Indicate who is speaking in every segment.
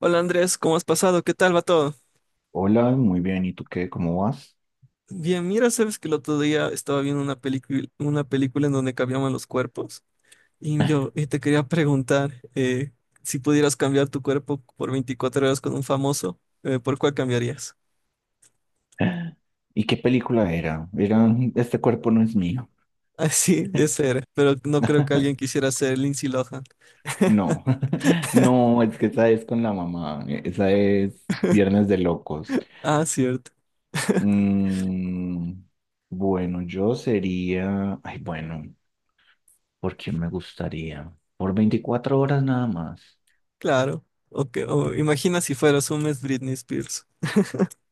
Speaker 1: Hola Andrés, ¿cómo has pasado? ¿Qué tal va todo?
Speaker 2: Hola, muy bien. ¿Y tú qué? ¿Cómo vas?
Speaker 1: Bien, mira, sabes que el otro día estaba viendo una película en donde cambiaban los cuerpos y yo te quería preguntar si pudieras cambiar tu cuerpo por 24 horas con un famoso, ¿por cuál cambiarías?
Speaker 2: ¿Y qué película era? Era "Este cuerpo no es mío".
Speaker 1: Ah, sí, ese era, pero no creo que alguien quisiera ser Lindsay Lohan.
Speaker 2: No, no, es que esa es con la mamá. Esa es Viernes de Locos.
Speaker 1: Ah, cierto,
Speaker 2: Mm, bueno, yo sería. Ay, bueno, ¿por quién me gustaría? Por 24 horas nada más.
Speaker 1: claro. O o imagina si fueras un mes Britney Spears.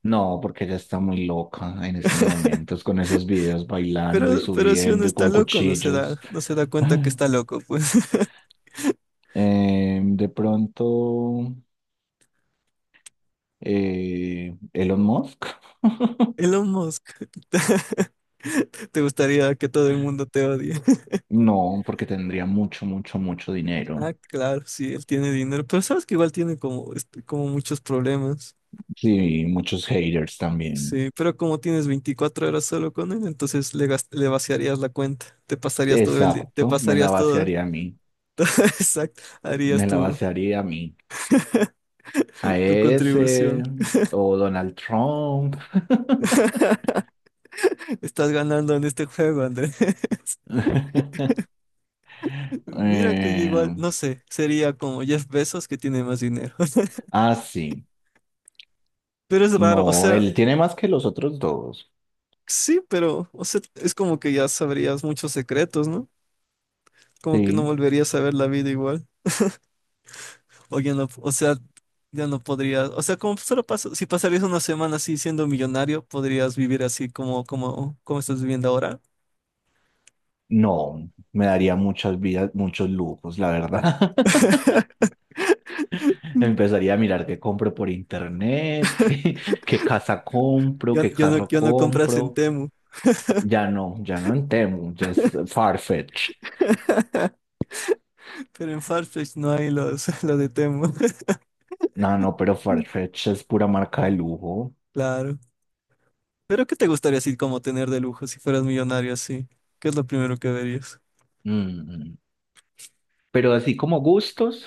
Speaker 2: No, porque ella está muy loca en estos momentos con esos videos bailando y
Speaker 1: Pero si uno
Speaker 2: subiendo y
Speaker 1: está
Speaker 2: con
Speaker 1: loco,
Speaker 2: cuchillos.
Speaker 1: no se da cuenta que está loco, pues.
Speaker 2: De pronto. Elon Musk.
Speaker 1: Elon Musk. ¿Te gustaría que todo el mundo te odie?
Speaker 2: no, porque tendría mucho, mucho, mucho
Speaker 1: Ah,
Speaker 2: dinero.
Speaker 1: claro, sí, él tiene dinero, pero sabes que igual tiene como, este, como muchos problemas.
Speaker 2: Sí, muchos haters también.
Speaker 1: Sí, pero como tienes 24 horas solo con él, entonces le vaciarías la cuenta, te pasarías todo el día, te
Speaker 2: Exacto, me la
Speaker 1: pasarías todo,
Speaker 2: vaciaría a mí,
Speaker 1: exacto, harías
Speaker 2: me la vaciaría a mí. A
Speaker 1: tu contribución.
Speaker 2: ese, o Donald Trump.
Speaker 1: Estás ganando en este juego, André. Mira que yo igual,
Speaker 2: Eh,
Speaker 1: no sé, sería como Jeff Bezos que tiene más dinero.
Speaker 2: sí,
Speaker 1: Pero es raro, o
Speaker 2: no,
Speaker 1: sea,
Speaker 2: él tiene más que los otros dos.
Speaker 1: sí, pero, o sea, es como que ya sabrías muchos secretos, ¿no? Como que no
Speaker 2: Sí,
Speaker 1: volverías a ver la vida igual. O ya no, o sea, ya no podrías, o sea, como solo pasa, si pasarías una semana así siendo millonario, podrías vivir así como estás viviendo ahora.
Speaker 2: no, me daría muchas vidas, muchos lujos, la verdad. Empezaría a mirar qué compro por internet, qué, qué casa compro, qué carro
Speaker 1: Yo no compras en
Speaker 2: compro.
Speaker 1: Temu,
Speaker 2: Ya no, ya no en Temu, ya es Farfetch.
Speaker 1: pero en Farfetch no hay los, lo de Temu.
Speaker 2: No, no, pero Farfetch es pura marca de lujo.
Speaker 1: Claro. Pero ¿qué te gustaría así como tener de lujo si fueras millonario así? ¿Qué es lo primero que verías?
Speaker 2: Mm. Pero así como gustos,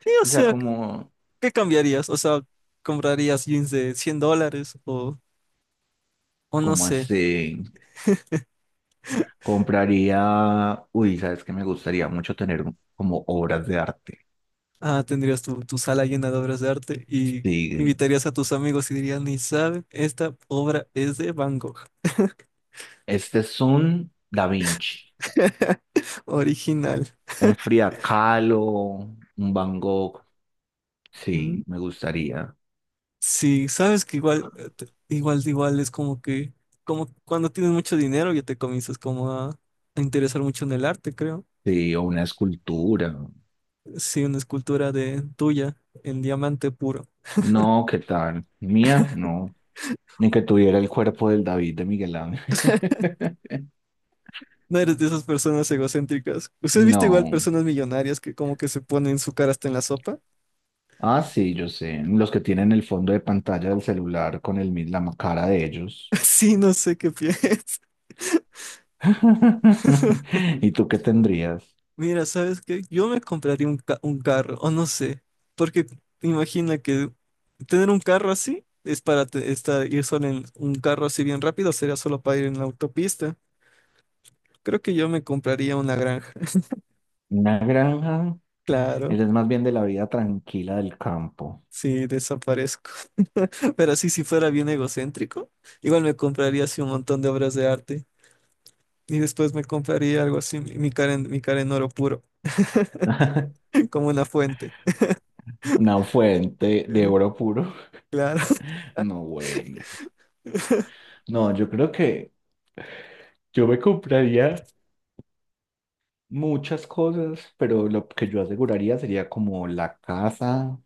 Speaker 1: Sí, o
Speaker 2: o sea,
Speaker 1: sea,
Speaker 2: como,
Speaker 1: ¿qué cambiarías? O sea, ¿comprarías jeans de $100 o no
Speaker 2: como
Speaker 1: sé?
Speaker 2: así, compraría, uy, sabes que me gustaría mucho tener como obras de arte.
Speaker 1: Ah, tendrías tu sala llena de obras de arte y
Speaker 2: Sí,
Speaker 1: invitarías a tus amigos y dirías, ni saben, esta obra es de Van Gogh,
Speaker 2: este es un Da Vinci,
Speaker 1: original.
Speaker 2: un Frida Kahlo, un Van Gogh. Sí,
Speaker 1: Mm,
Speaker 2: me gustaría.
Speaker 1: sí, sabes que igual es como que, como cuando tienes mucho dinero ya te comienzas como a interesar mucho en el arte, creo.
Speaker 2: Sí, o una escultura.
Speaker 1: Sí, una escultura de tuya en diamante puro.
Speaker 2: No, ¿qué tal? Mía, no. Ni que tuviera el cuerpo del David de Miguel Ángel.
Speaker 1: No eres de esas personas egocéntricas. ¿Usted ha visto igual
Speaker 2: No.
Speaker 1: personas millonarias que como que se ponen su cara hasta en la sopa?
Speaker 2: Ah, sí, yo sé. Los que tienen el fondo de pantalla del celular con el, la cara de ellos.
Speaker 1: Sí, no sé qué piensas.
Speaker 2: ¿Y tú qué tendrías?
Speaker 1: Mira, ¿sabes qué? Yo me compraría un carro, o no sé, porque imagina que tener un carro así es para estar, ir solo en un carro así bien rápido, sería solo para ir en la autopista. Creo que yo me compraría una granja,
Speaker 2: Una granja.
Speaker 1: claro,
Speaker 2: Eres más bien de la vida tranquila del campo.
Speaker 1: sí, desaparezco. Pero así, si fuera bien egocéntrico, igual me compraría así un montón de obras de arte y después me compraría algo así, mi cara en oro puro, como una fuente.
Speaker 2: Una fuente de
Speaker 1: Eh,
Speaker 2: oro puro.
Speaker 1: Claro,
Speaker 2: No, güey. No, yo creo que yo me compraría muchas cosas, pero lo que yo aseguraría sería como la casa,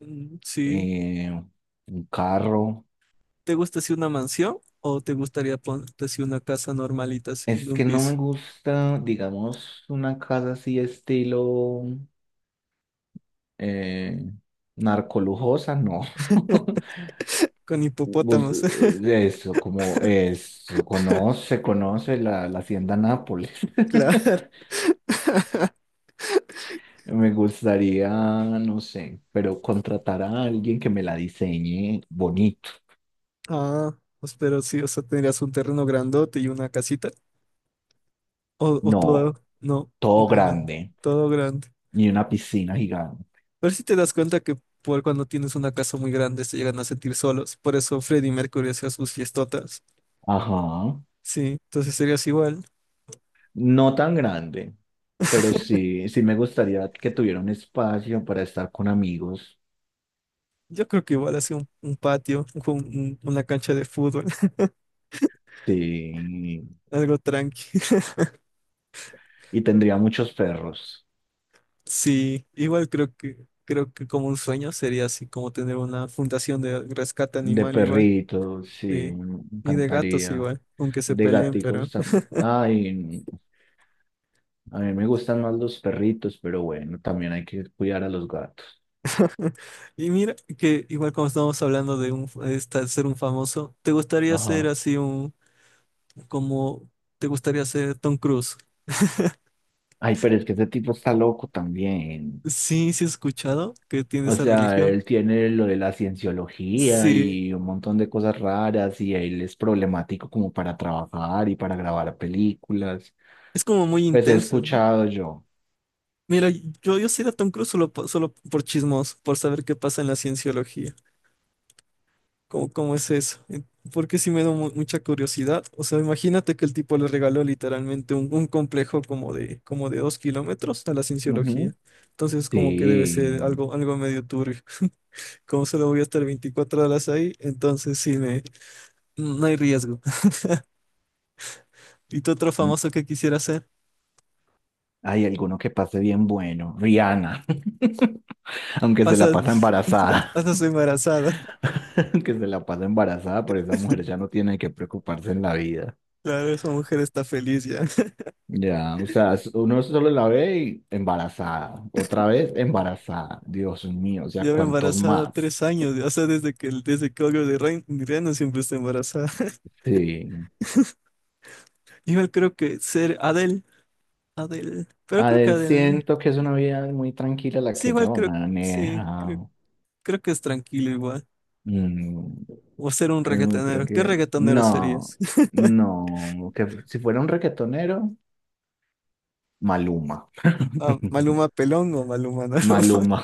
Speaker 1: Mm, sí.
Speaker 2: eh, un carro.
Speaker 1: ¿Te gusta así una mansión o te gustaría ponerte así una casa normalita, así, de
Speaker 2: Es
Speaker 1: un
Speaker 2: que no me
Speaker 1: piso?
Speaker 2: gusta, digamos, una casa así estilo eh, narcolujosa, no.
Speaker 1: Con
Speaker 2: Bus-
Speaker 1: hipopótamos,
Speaker 2: Eso, como eso, conoce la, la hacienda Nápoles.
Speaker 1: claro.
Speaker 2: Me gustaría, no sé, pero contratar a alguien que me la diseñe bonito.
Speaker 1: Ah, pues pero sí, o sea, tendrías un terreno grandote y una casita. O todo,
Speaker 2: No,
Speaker 1: no,
Speaker 2: todo
Speaker 1: una gran,
Speaker 2: grande
Speaker 1: todo grande.
Speaker 2: y una piscina gigante.
Speaker 1: Pero si te das cuenta que por cuando tienes una casa muy grande se llegan a sentir solos. Por eso Freddie Mercury hacía sus fiestotas.
Speaker 2: Ajá.
Speaker 1: Sí, entonces serías igual.
Speaker 2: No tan grande, pero sí, sí me gustaría que tuviera un espacio para estar con amigos.
Speaker 1: Yo creo que igual así un patio, una cancha de fútbol,
Speaker 2: Sí.
Speaker 1: algo tranqui.
Speaker 2: Y tendría muchos perros.
Speaker 1: Sí, igual creo que como un sueño sería así como tener una fundación de rescate
Speaker 2: De
Speaker 1: animal igual
Speaker 2: perritos, sí,
Speaker 1: sí,
Speaker 2: me
Speaker 1: y de gatos
Speaker 2: encantaría.
Speaker 1: igual, aunque se
Speaker 2: De
Speaker 1: peleen, pero
Speaker 2: gaticos también. Ay, a mí me gustan más los perritos, pero bueno, también hay que cuidar a los gatos.
Speaker 1: y mira que igual como estamos hablando de un de esta- ser un famoso, ¿te gustaría ser
Speaker 2: Ajá.
Speaker 1: así un como te gustaría ser Tom Cruise?
Speaker 2: Ay, pero es que ese tipo está loco también.
Speaker 1: Sí, sí he escuchado que tiene
Speaker 2: O
Speaker 1: esa
Speaker 2: sea,
Speaker 1: religión.
Speaker 2: él tiene lo de la cienciología
Speaker 1: Sí,
Speaker 2: y un montón de cosas raras y él es problemático como para trabajar y para grabar películas.
Speaker 1: es como muy
Speaker 2: Pues he
Speaker 1: intenso, ¿no?
Speaker 2: escuchado yo.
Speaker 1: Mira, yo sería Tom Cruise solo solo por chismos, por saber qué pasa en la cienciología. ¿Cómo es eso? Porque sí me da mucha curiosidad. O sea, imagínate que el tipo le regaló literalmente un complejo como de 2 kilómetros a la cienciología.
Speaker 2: Ujú.
Speaker 1: Entonces, como que debe ser
Speaker 2: Sí.
Speaker 1: algo medio turbio. Como solo voy a estar 24 horas ahí, entonces no hay riesgo. ¿Y tú otro
Speaker 2: mm,
Speaker 1: famoso que quisiera hacer?
Speaker 2: Hay alguno que pase bien bueno. Rihanna, aunque se la
Speaker 1: Pasas,
Speaker 2: pasa embarazada.
Speaker 1: pasas embarazada.
Speaker 2: Que se la pasa embarazada, pero esa mujer ya no tiene que preocuparse en la vida.
Speaker 1: Claro, esa mujer está feliz ya.
Speaker 2: Ya, o sea, uno solo la ve y embarazada, otra vez embarazada, Dios mío, o sea,
Speaker 1: Lleva
Speaker 2: ¿cuántos
Speaker 1: embarazada
Speaker 2: más?
Speaker 1: 3 años, o sea, desde que Olga de Reno siempre está embarazada.
Speaker 2: Sí.
Speaker 1: Yo creo que ser Adele. Pero creo que
Speaker 2: Adel,
Speaker 1: Adele.
Speaker 2: siento que es una vida muy tranquila la
Speaker 1: Sí,
Speaker 2: que ella
Speaker 1: igual creo. Sí,
Speaker 2: maneja.
Speaker 1: creo que es tranquilo igual.
Speaker 2: Mm,
Speaker 1: O ser un
Speaker 2: es muy
Speaker 1: reggaetonero. ¿Qué
Speaker 2: tranquila.
Speaker 1: reggaetonero
Speaker 2: No,
Speaker 1: serías?
Speaker 2: no, que si fuera un reggaetonero, Maluma.
Speaker 1: Ah, ¿Maluma Pelón o Maluma no?
Speaker 2: Maluma,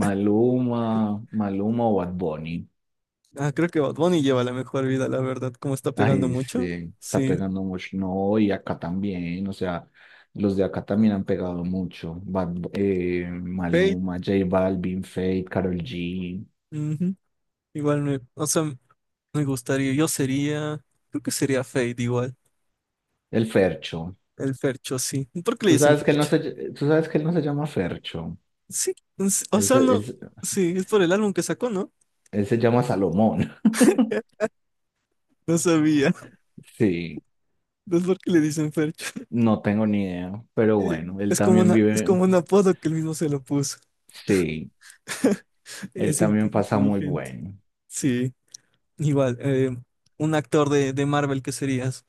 Speaker 2: Maluma, Maluma o Bad Bunny.
Speaker 1: Ah, creo que Bad Bunny lleva la mejor vida, la verdad. Como está pegando
Speaker 2: Ay,
Speaker 1: mucho.
Speaker 2: sí, está
Speaker 1: Sí.
Speaker 2: pegando mucho. No, y acá también, o sea, los de acá también han pegado mucho.
Speaker 1: Fate.
Speaker 2: Maluma, J Balvin, Fate, Karol G,
Speaker 1: Ujú. Igual me. O sea, me gustaría. Yo sería. Creo que sería Fate igual.
Speaker 2: el Fercho.
Speaker 1: El Fercho, sí. ¿Por qué le
Speaker 2: Tú
Speaker 1: dicen
Speaker 2: sabes que él no
Speaker 1: Fercho?
Speaker 2: tú sabes que él no se llama Fercho.
Speaker 1: Sí. O
Speaker 2: Él se,
Speaker 1: sea, no.
Speaker 2: él se-
Speaker 1: Sí, es por el álbum que sacó, ¿no?
Speaker 2: Él se llama Salomón.
Speaker 1: No sabía.
Speaker 2: Sí,
Speaker 1: ¿Es por qué le dicen Fercho?
Speaker 2: no tengo ni idea, pero
Speaker 1: Eh,
Speaker 2: bueno, él
Speaker 1: Es como
Speaker 2: también
Speaker 1: una, es como
Speaker 2: vive,
Speaker 1: un apodo que él mismo se lo puso.
Speaker 2: sí, él
Speaker 1: Es
Speaker 2: también pasa muy
Speaker 1: inteligente.
Speaker 2: bueno.
Speaker 1: Sí, igual. Un actor de Marvel que serías.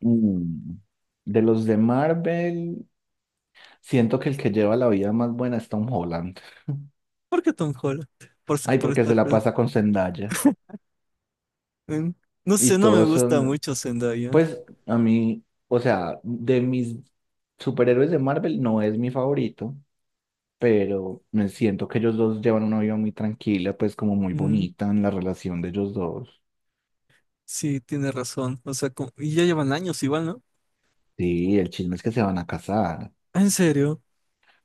Speaker 2: Mm, De los de Marvel. Siento que el que lleva la vida más buena es Tom Holland.
Speaker 1: ¿Por qué Tom Holland? Por, ser-
Speaker 2: Ay,
Speaker 1: por
Speaker 2: porque se
Speaker 1: estar.
Speaker 2: la pasa con Zendaya.
Speaker 1: eh, no
Speaker 2: Y
Speaker 1: sé, no me
Speaker 2: todos
Speaker 1: gusta
Speaker 2: son,
Speaker 1: mucho Zendaya.
Speaker 2: pues a mí, o sea, de mis superhéroes de Marvel no es mi favorito, pero me siento que ellos dos llevan una vida muy tranquila, pues como muy
Speaker 1: Mm,
Speaker 2: bonita en la relación de ellos dos.
Speaker 1: sí, tiene razón. O sea, y ya llevan años igual, ¿no?
Speaker 2: Sí, el chisme es que se van a casar,
Speaker 1: Ah, ¿En serio?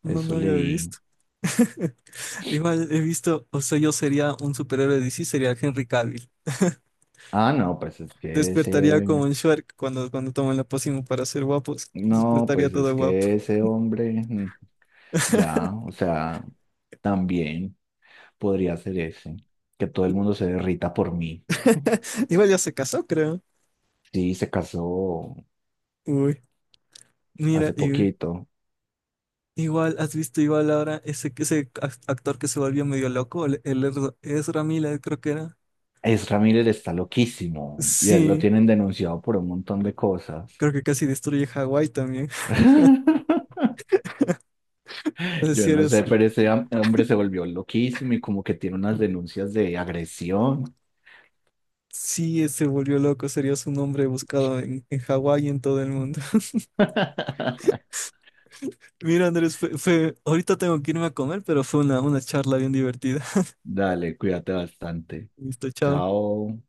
Speaker 1: No,
Speaker 2: eso
Speaker 1: no había
Speaker 2: leí.
Speaker 1: visto. Igual he visto, o sea, yo sería un superhéroe de DC, sería Henry Cavill.
Speaker 2: Ah, no, pues es que
Speaker 1: Despertaría como
Speaker 2: ese,
Speaker 1: en Shrek cuando toman la pócima para ser guapos.
Speaker 2: no,
Speaker 1: Despertaría
Speaker 2: pues es
Speaker 1: todo guapo.
Speaker 2: que ese hombre, ya, o sea, también. Podría hacer ese, que todo el mundo se derrita por mí.
Speaker 1: Igual ya se casó, creo.
Speaker 2: Sí, se casó
Speaker 1: Uy, mira,
Speaker 2: hace poquito.
Speaker 1: igual, ¿has visto igual ahora ese actor que se volvió medio loco? El Ezra Miller, creo que era.
Speaker 2: Es Ramírez está loquísimo y a él lo
Speaker 1: Sí,
Speaker 2: tienen denunciado por un montón de cosas.
Speaker 1: creo que casi destruye Hawái también. Es
Speaker 2: Yo
Speaker 1: si
Speaker 2: no sé,
Speaker 1: eres
Speaker 2: pero ese hombre se volvió loquísimo y como que tiene unas denuncias de agresión.
Speaker 1: sí, se volvió loco, serías un hombre buscado en Hawái y en todo el mundo. Mira, Andrés, ahorita tengo que irme a comer, pero fue una charla bien divertida.
Speaker 2: Dale, cuídate bastante.
Speaker 1: Listo, chao.
Speaker 2: Chao.